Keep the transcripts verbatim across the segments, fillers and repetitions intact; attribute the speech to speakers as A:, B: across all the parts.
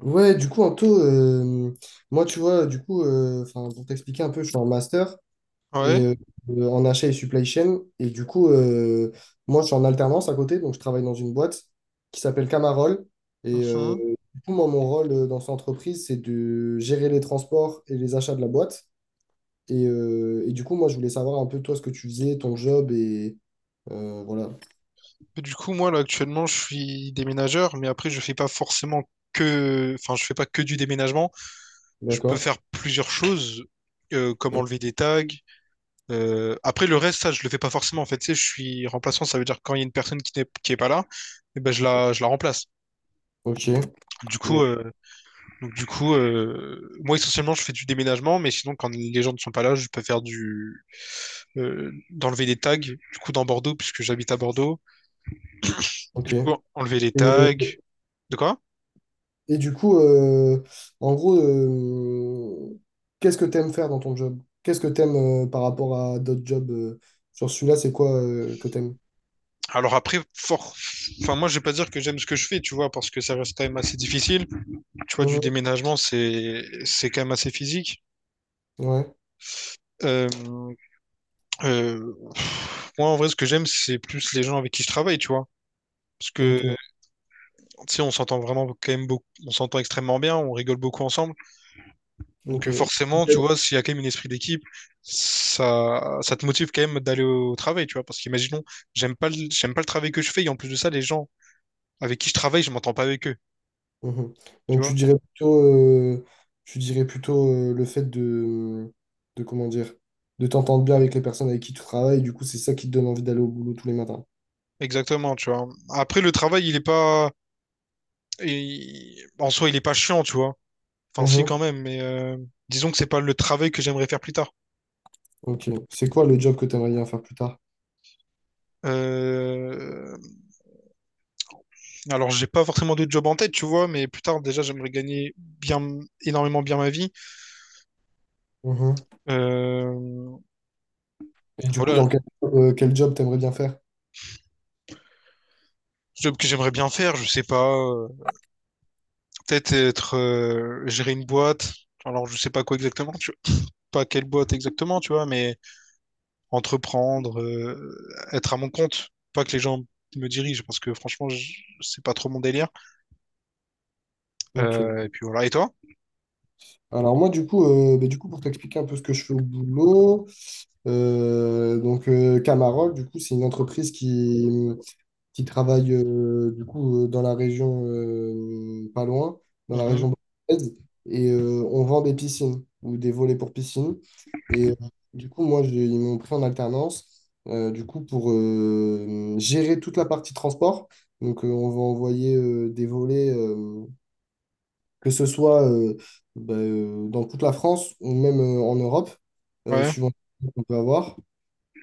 A: Ouais, du coup, Anto, euh, moi, tu vois, du coup, euh, enfin, pour t'expliquer un peu, je suis en master et,
B: Ouais.
A: euh, euh, en achat et supply chain. Et du coup, euh, moi, je suis en alternance à côté, donc je travaille dans une boîte qui s'appelle Camarol. Et euh,
B: mhm.
A: du coup, moi, mon rôle euh, dans cette entreprise, c'est de gérer les transports et les achats de la boîte. Et, euh, et du coup, moi, je voulais savoir un peu, toi, ce que tu faisais, ton job et euh, voilà.
B: Et du coup, moi, là, actuellement, je suis déménageur, mais après, je fais pas forcément que. Enfin, je fais pas que du déménagement. Je peux
A: D'accord.
B: faire plusieurs choses, euh, comme enlever des tags. Euh, Après, le reste, ça, je le fais pas forcément. En fait, tu sais, je suis remplaçant. Ça veut dire que quand il y a une personne qui n'est qui est pas là, eh ben, je la, je la remplace.
A: Ok.
B: Du coup,
A: Bon,
B: euh, donc, du coup euh, moi, essentiellement, je fais du déménagement, mais sinon, quand les gens ne sont pas là, je peux faire du... euh, d'enlever des tags, du coup, dans Bordeaux, puisque j'habite à Bordeaux. Du
A: ok.
B: coup, enlever les tags.
A: Et,
B: De quoi?
A: Et du coup, euh, en gros, euh, qu'est-ce que tu aimes faire dans ton job? Qu'est-ce que tu aimes par rapport à d'autres jobs? euh, sur celui-là, c'est quoi euh, que tu aimes?
B: Alors après, fort... enfin, moi, je vais pas dire que j'aime ce que je fais, tu vois, parce que ça reste quand même assez difficile. Tu vois, du déménagement, c'est c'est quand même assez physique.
A: Ouais,
B: Euh, euh, Moi, en vrai, ce que j'aime, c'est plus les gens avec qui je travaille, tu vois. Parce que,
A: ok,
B: tu sais, on s'entend vraiment quand même beaucoup, on s'entend extrêmement bien, on rigole beaucoup ensemble. Donc,
A: ok.
B: forcément, tu vois, s'il y a quand même un esprit d'équipe, ça, ça te motive quand même d'aller au travail, tu vois. Parce qu'imaginons, j'aime pas le, j'aime pas le travail que je fais, et en plus de ça, les gens avec qui je travaille, je m'entends pas avec eux,
A: Mhm.
B: tu
A: Donc tu
B: vois.
A: dirais plutôt, euh, tu dirais plutôt euh, le fait de, de comment dire, de t'entendre bien avec les personnes avec qui tu travailles, du coup c'est ça qui te donne envie d'aller au boulot tous les matins.
B: Exactement, tu vois. Après, le travail, il est pas. Il- En soi, il est pas chiant, tu vois. Enfin, si,
A: Mhm.
B: quand même, mais euh, disons que c'est pas le travail que j'aimerais faire plus tard.
A: Ok. C'est quoi le job que tu aimerais bien faire plus tard?
B: Euh, Alors, j'ai pas forcément de job en tête, tu vois, mais plus tard, déjà, j'aimerais gagner bien, énormément bien ma vie.
A: Mhm.
B: Euh,
A: Et du coup,
B: Voilà,
A: dans quel, euh, quel job t'aimerais bien faire?
B: job que j'aimerais bien faire, je sais pas. euh, Peut-être être. euh, Gérer une boîte. Alors, je sais pas quoi exactement, tu vois. Pas quelle boîte exactement, tu vois, mais entreprendre, euh, être à mon compte, pas que les gens me dirigent, parce que franchement, je- c'est pas trop mon délire.
A: Ok.
B: Euh, et puis voilà. Et toi?
A: Alors moi du coup, euh, bah, du coup pour t'expliquer un peu ce que je fais au boulot, euh, donc euh, Camarol du coup c'est une entreprise qui, qui travaille euh, du coup euh, dans la région euh, pas loin, dans la
B: Mhm.
A: région bordelaise et euh, on vend des piscines ou des volets pour piscine et euh, du coup moi j'ai- ils m'ont pris en alternance euh, du coup pour euh, gérer toute la partie transport donc euh, on va envoyer euh, des volets euh, que ce soit euh, bah, euh, dans toute la France ou même euh, en Europe, euh,
B: Ouais.
A: suivant ce qu'on peut avoir.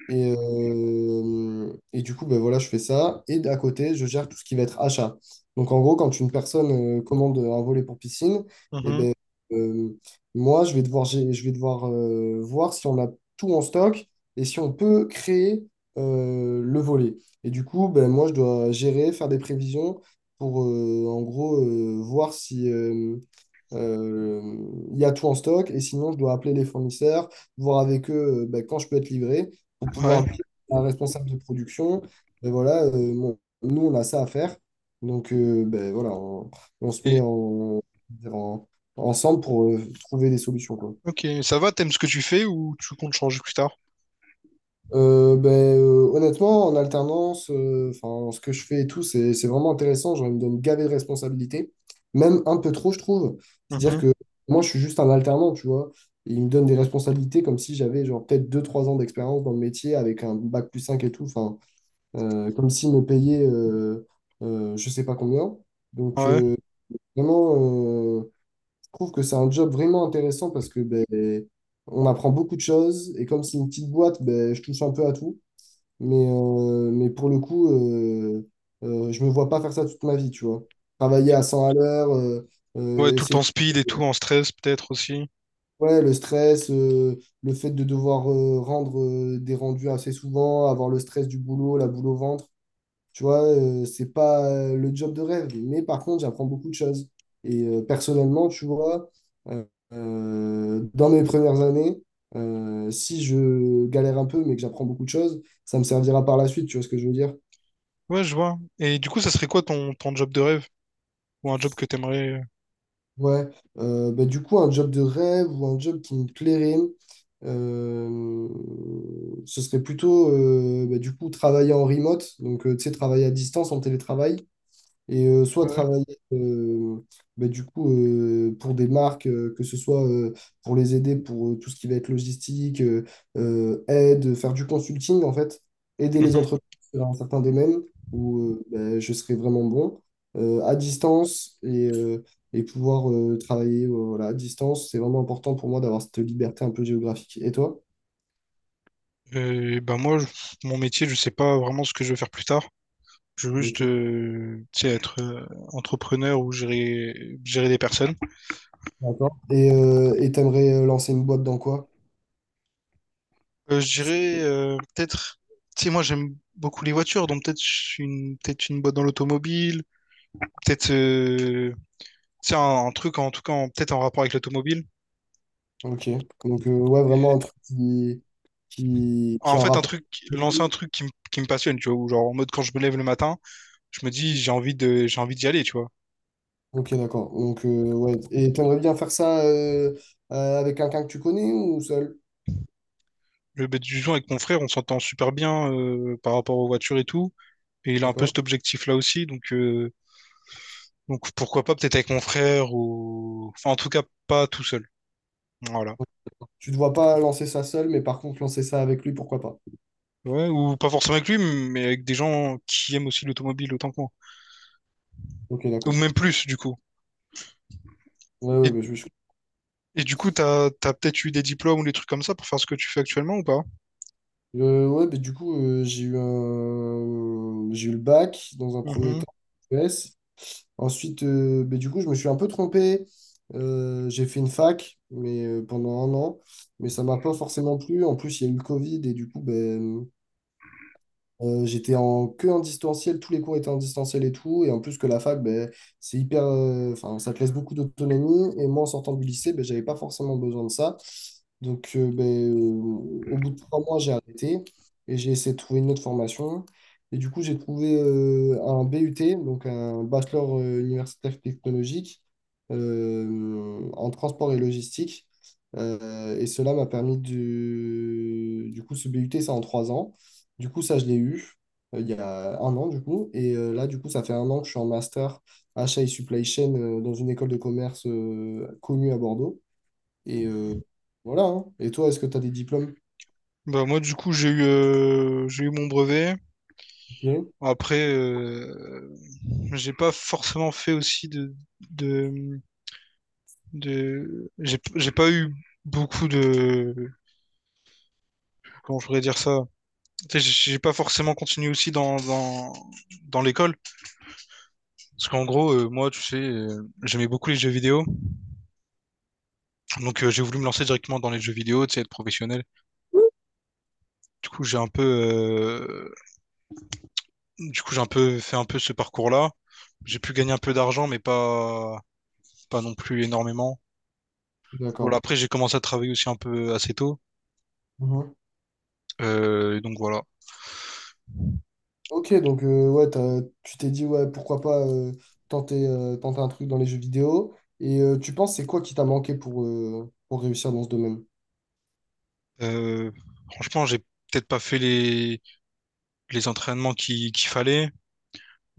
A: Et, euh, et du coup, ben voilà, je fais ça. Et à côté, je gère tout ce qui va être achat. Donc, en gros, quand une personne euh, commande un volet pour piscine, eh
B: Mhm.
A: ben, euh, moi, je vais devoir, gé- je vais devoir euh, voir si on a tout en stock et si on peut créer euh, le volet. Et du coup, ben, moi, je dois gérer, faire des prévisions pour, euh, en gros, euh, voir si, euh, euh, il y a tout en stock et sinon je dois appeler les fournisseurs, voir avec eux euh, ben, quand je peux être livré pour
B: Ouais.
A: pouvoir dire à un responsable de production, ben voilà, euh, mon- nous, on a ça à faire. Donc, euh, ben voilà, on, on se
B: Et
A: met en, en- ensemble pour euh, trouver des solutions, quoi.
B: ok, ça va, t'aimes ce que tu fais ou tu comptes changer plus tard?
A: Euh, ben, euh, honnêtement, en alternance, euh, enfin, ce que je fais et tout, c'est, c'est vraiment intéressant. Genre, il me donne gavé de responsabilités, même un peu trop, je trouve. C'est-à-dire
B: Mhm.
A: que moi, je suis juste un alternant, tu vois. Et il me donne des responsabilités comme si j'avais genre peut-être deux trois ans d'expérience dans le métier avec un bac plus cinq et tout. Enfin, euh, comme s'il me payait euh, euh, je sais pas combien. Donc,
B: Ouais.
A: euh, vraiment, euh, je trouve que c'est un job vraiment intéressant parce que ben, on apprend beaucoup de choses et comme c'est une petite boîte, ben, je touche un peu à tout. Mais, euh, mais pour le coup, euh, euh, je me vois pas faire ça toute ma vie, tu vois. Travailler à cent à l'heure, euh,
B: Ouais,
A: euh,
B: tout le
A: essayer.
B: temps speed et tout, en stress peut-être aussi.
A: Ouais, le stress, euh, le fait de devoir euh, rendre euh, des rendus assez souvent, avoir le stress du boulot, la boule au ventre. Tu vois, euh, c'est pas euh, le job de rêve, mais par contre, j'apprends beaucoup de choses. Et euh, personnellement, tu vois, euh, euh, dans mes premières années, euh, si je galère un peu, mais que j'apprends beaucoup de choses, ça me servira par la suite, tu vois ce que je veux dire?
B: Ouais, je vois. Et du coup, ça serait quoi ton, ton job de rêve? Ou un job que t'aimerais... euh,
A: Ouais, euh, bah, du coup, un job de rêve ou un job qui me plairait, euh, ce serait plutôt, euh, bah, du coup, travailler en remote, donc, euh, tu sais, travailler à distance, en télétravail. Et euh, soit
B: Ouais.
A: travailler euh, bah, du coup euh, pour des marques, euh, que ce soit euh, pour les aider pour euh, tout ce qui va être logistique, euh, euh, aide, faire du consulting en fait, aider les
B: Mhm.
A: entreprises dans un certain domaine où euh, bah, je serais vraiment bon euh, à distance et, euh, et pouvoir euh, travailler euh, voilà, à distance. C'est vraiment important pour moi d'avoir cette liberté un peu géographique. Et toi?
B: Et ben moi, je- mon métier, je sais pas vraiment ce que je veux faire plus tard. Je veux juste,
A: Ok,
B: euh, tu sais, être euh, entrepreneur ou gérer, gérer des personnes.
A: d'accord. Et euh, et t'aimerais euh, lancer une boîte dans quoi?
B: Euh, je dirais euh, peut-être, tu sais, moi j'aime beaucoup les voitures, donc peut-être je suis une, peut-être une boîte dans l'automobile, peut-être euh, tu sais, un, un truc en tout cas, en- peut-être en rapport avec l'automobile.
A: Ok. Donc, euh, ouais, vraiment un truc qui, qui, qui
B: En
A: en
B: fait, un
A: rapport.
B: truc, lancer un truc qui, me- qui me passionne, tu vois, ou genre en mode quand je me lève le matin, je me dis j'ai envie de, j'ai envie d'y aller, tu vois.
A: Ok, d'accord. Donc, euh, ouais. Et t'aimerais bien faire ça euh, euh, avec quelqu'un que tu connais ou seul?
B: Je vais du jour avec mon frère, on s'entend super bien euh, par rapport aux voitures et tout, et il a un peu
A: D'accord.
B: cet objectif-là aussi, donc, euh, donc pourquoi pas peut-être avec mon frère ou, enfin en tout cas pas tout seul. Voilà.
A: Tu ne te vois pas lancer ça seul, mais par contre, lancer ça avec lui, pourquoi pas?
B: Ouais, ou pas forcément avec lui, mais avec des gens qui aiment aussi l'automobile autant que moi.
A: Ok,
B: Ou
A: d'accord.
B: même plus, du coup.
A: Ouais, ouais,
B: Et,
A: bah, je, je-
B: et du coup, t'as, t'as peut-être eu des diplômes ou des trucs comme ça pour faire ce que tu fais actuellement ou pas?
A: Euh, ouais, bah, du coup, euh, j'ai eu un... j'ai eu le bac dans un premier
B: Mhm.
A: temps, E S. Ensuite, euh, ben, du coup, je me suis un peu trompé. Euh, j'ai fait une fac mais, euh, pendant un an, mais ça m'a pas forcément plu. En plus, il y a eu le Covid et du coup, ben, euh, j'étais en que en distanciel, tous les cours étaient en distanciel et tout. Et en plus que la fac, ben, c'est hyper, euh, enfin, ça te laisse beaucoup d'autonomie. Et moi, en sortant du lycée, ben, j'avais pas forcément besoin de ça. Donc, euh, ben, euh, au bout de trois mois, j'ai arrêté et j'ai essayé de trouver une autre formation. Et du coup, j'ai trouvé euh, un BUT, donc un bachelor euh, universitaire technologique euh, en transport et logistique. Euh, et cela m'a permis de... Du coup, ce BUT, c'est en trois ans. Du coup, ça, je l'ai eu euh, il y a un an, du coup. Et euh, là, du coup, ça fait un an que je suis en master achat et supply chain euh, dans une école de commerce euh, connue à Bordeaux. Et euh,
B: Mhm.
A: voilà. Hein. Et toi, est-ce que tu as des diplômes?
B: Bah moi, du coup, j'ai eu, euh, j'ai eu mon brevet.
A: Ok.
B: Après, euh, j'ai pas forcément fait aussi de, de, de... J'ai, j'ai pas eu beaucoup de. Comment je pourrais dire ça? Tu sais, J'ai j'ai pas forcément continué aussi dans, dans, dans l'école. Parce qu'en gros, euh, moi, tu sais, euh, j'aimais beaucoup les jeux vidéo. Donc, euh, j'ai voulu me lancer directement dans les jeux vidéo, tu sais, être professionnel. Du coup, j'ai un peu, euh, du coup, j'ai un peu fait un peu ce parcours-là. J'ai pu gagner un peu d'argent, mais pas, pas non plus énormément. Voilà,
A: D'accord.
B: après, j'ai commencé à travailler aussi un peu assez tôt.
A: Mhm.
B: Euh, donc, voilà.
A: Ok, donc euh, ouais, t'as- tu t'es dit, ouais, pourquoi pas euh, tenter, euh, tenter un truc dans les jeux vidéo. Et euh, tu penses, c'est quoi qui t'a manqué pour, euh, pour réussir dans ce domaine?
B: Euh, Franchement, j'ai peut-être pas fait les, les entraînements qui, qu'il fallait.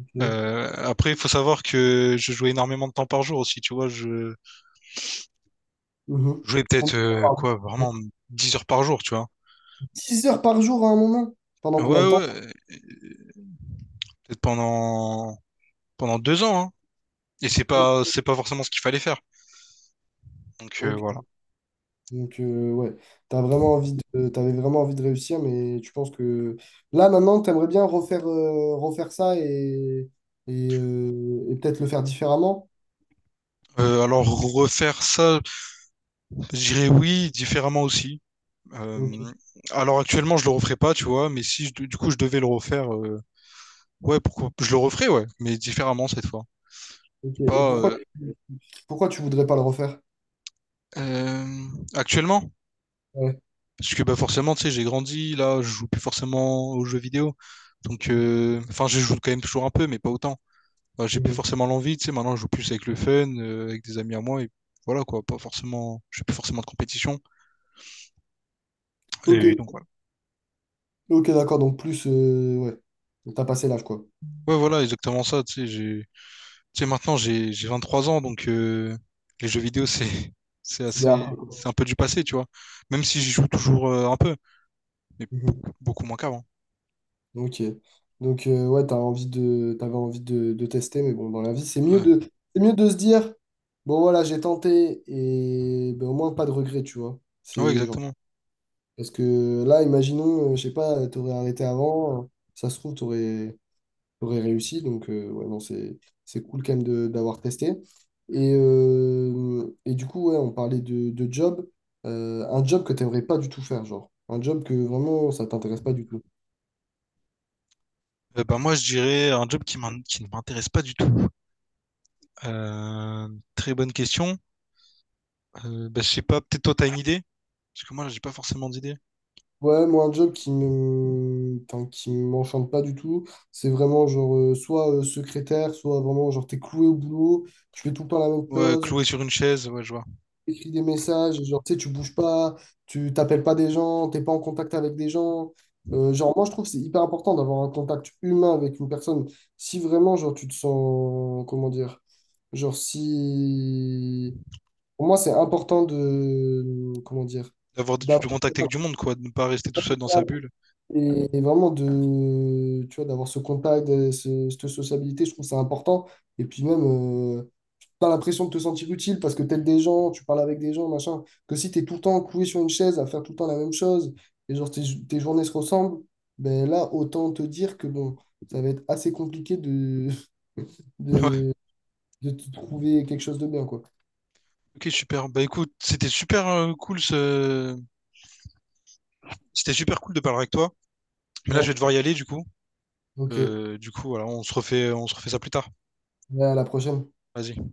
A: Ok.
B: Euh, après, il faut savoir que je jouais énormément de temps par jour aussi, tu vois. Je
A: Mhm.
B: jouais
A: Combien
B: peut-être
A: de temps
B: euh,
A: par
B: quoi,
A: jour?
B: vraiment dix heures par jour, tu vois.
A: dix heures par jour à un moment? Pendant
B: Ouais,
A: combien de temps?
B: ouais. euh, Peut-être pendant pendant deux ans, hein. Et c'est pas c'est pas forcément ce qu'il fallait faire. Donc euh, voilà.
A: Ok. Donc, euh, ouais, t'as vraiment envie de, t'avais vraiment envie de réussir, mais tu penses que là, maintenant, t'aimerais bien refaire, euh, refaire ça et, et, euh, et peut-être le faire différemment.
B: Euh, alors refaire ça, je dirais oui, différemment aussi.
A: Ok.
B: Euh, alors actuellement, je le referais pas, tu vois, mais si je- du coup je devais le refaire, euh, ouais, pourquoi je le referais, ouais, mais différemment cette fois.
A: Ok. Et
B: Pas
A: pourquoi,
B: euh,
A: pourquoi tu voudrais pas le refaire?
B: euh, actuellement.
A: Ouais.
B: Parce que bah, forcément, tu sais, j'ai grandi, là, je joue plus forcément aux jeux vidéo. Donc, euh, enfin, je joue quand même toujours un peu, mais pas autant. Bah, j'ai plus
A: Mhm.
B: forcément l'envie, tu sais, maintenant, je joue plus avec le fun, euh, avec des amis à moi, et voilà, quoi, pas forcément, je fais plus forcément de compétition.
A: Ok,
B: Et donc, voilà.
A: ok, d'accord. Donc, plus, euh, ouais, t'as passé l'âge, quoi.
B: Ouais, voilà, exactement ça, tu sais, j'ai, tu sais, maintenant, j'ai, j'ai vingt trois ans, donc euh, les jeux vidéo, c'est, c'est
A: C'est derrière
B: assez,
A: toi.
B: c'est un peu du passé, tu vois. Même si j'y joue toujours euh, un peu, mais
A: Mhm.
B: beaucoup, beaucoup moins qu'avant.
A: Ok. Donc, euh, ouais, t'as envie de, t'avais envie de, de tester, mais bon, dans la vie, c'est mieux
B: Ouais,
A: de, c'est mieux de se dire, bon, voilà, j'ai tenté, et ben, au moins, pas de regret, tu vois.
B: Ah ouais,
A: C'est genre,
B: exactement.
A: parce que là, imaginons, euh, je sais pas, t'aurais arrêté avant, euh, ça se trouve, t'aurais, t'aurais réussi, donc, euh, ouais, non, c'est, c'est cool quand même de- d'avoir testé. Et, euh, et du coup, ouais, on parlait de, de job. Euh, un job que t'aimerais pas du tout faire, genre, un job que vraiment, ça t'intéresse pas du tout.
B: Euh, bah, moi, je dirais un job qui m'in- qui ne m'intéresse pas du tout. Euh, Très bonne question. Euh, bah, je sais pas, peut-être toi t'as une idée? Parce que moi j'ai pas forcément d'idée.
A: Ouais, moi, un job qui me... enfin, qui m'enchante pas du tout, c'est vraiment genre euh, soit euh, secrétaire, soit vraiment genre t'es cloué au boulot, tu fais tout le temps la même
B: Ouais,
A: chose,
B: cloué sur une chaise, ouais, je vois.
A: t'écris des messages, et genre tu sais, tu bouges pas, tu t'appelles pas des gens, t'es pas en contact avec des gens. Euh, genre, moi, je trouve que c'est hyper important d'avoir un contact humain avec une personne. Si vraiment, genre, tu te sens, comment dire, genre, si. Pour moi, c'est important de. Comment dire?
B: D'avoir du,
A: D'avoir
B: du contact avec du monde, quoi, de ne pas rester tout seul dans sa bulle.
A: Et et vraiment de, tu vois, d'avoir ce contact, euh, ce- cette sociabilité, je trouve ça important. Et puis même, euh, pas l'impression de te sentir utile parce que t'aides des gens, tu parles avec des gens, machin. Que si t'es tout le temps cloué sur une chaise à faire tout le temps la même chose, et genre tes, tes journées se ressemblent, ben là, autant te dire que bon, ça va être assez compliqué de,
B: Ouais,
A: de, de te trouver quelque chose de bien, quoi.
B: ok, super. Bah écoute, c'était super euh, cool ce... C'était super cool de parler avec toi. Mais là, je vais
A: Ouais,
B: devoir y aller du coup.
A: ok.
B: Euh, du coup, voilà, on se refait, on se refait ça plus tard.
A: Ouais, à la prochaine.
B: Vas-y.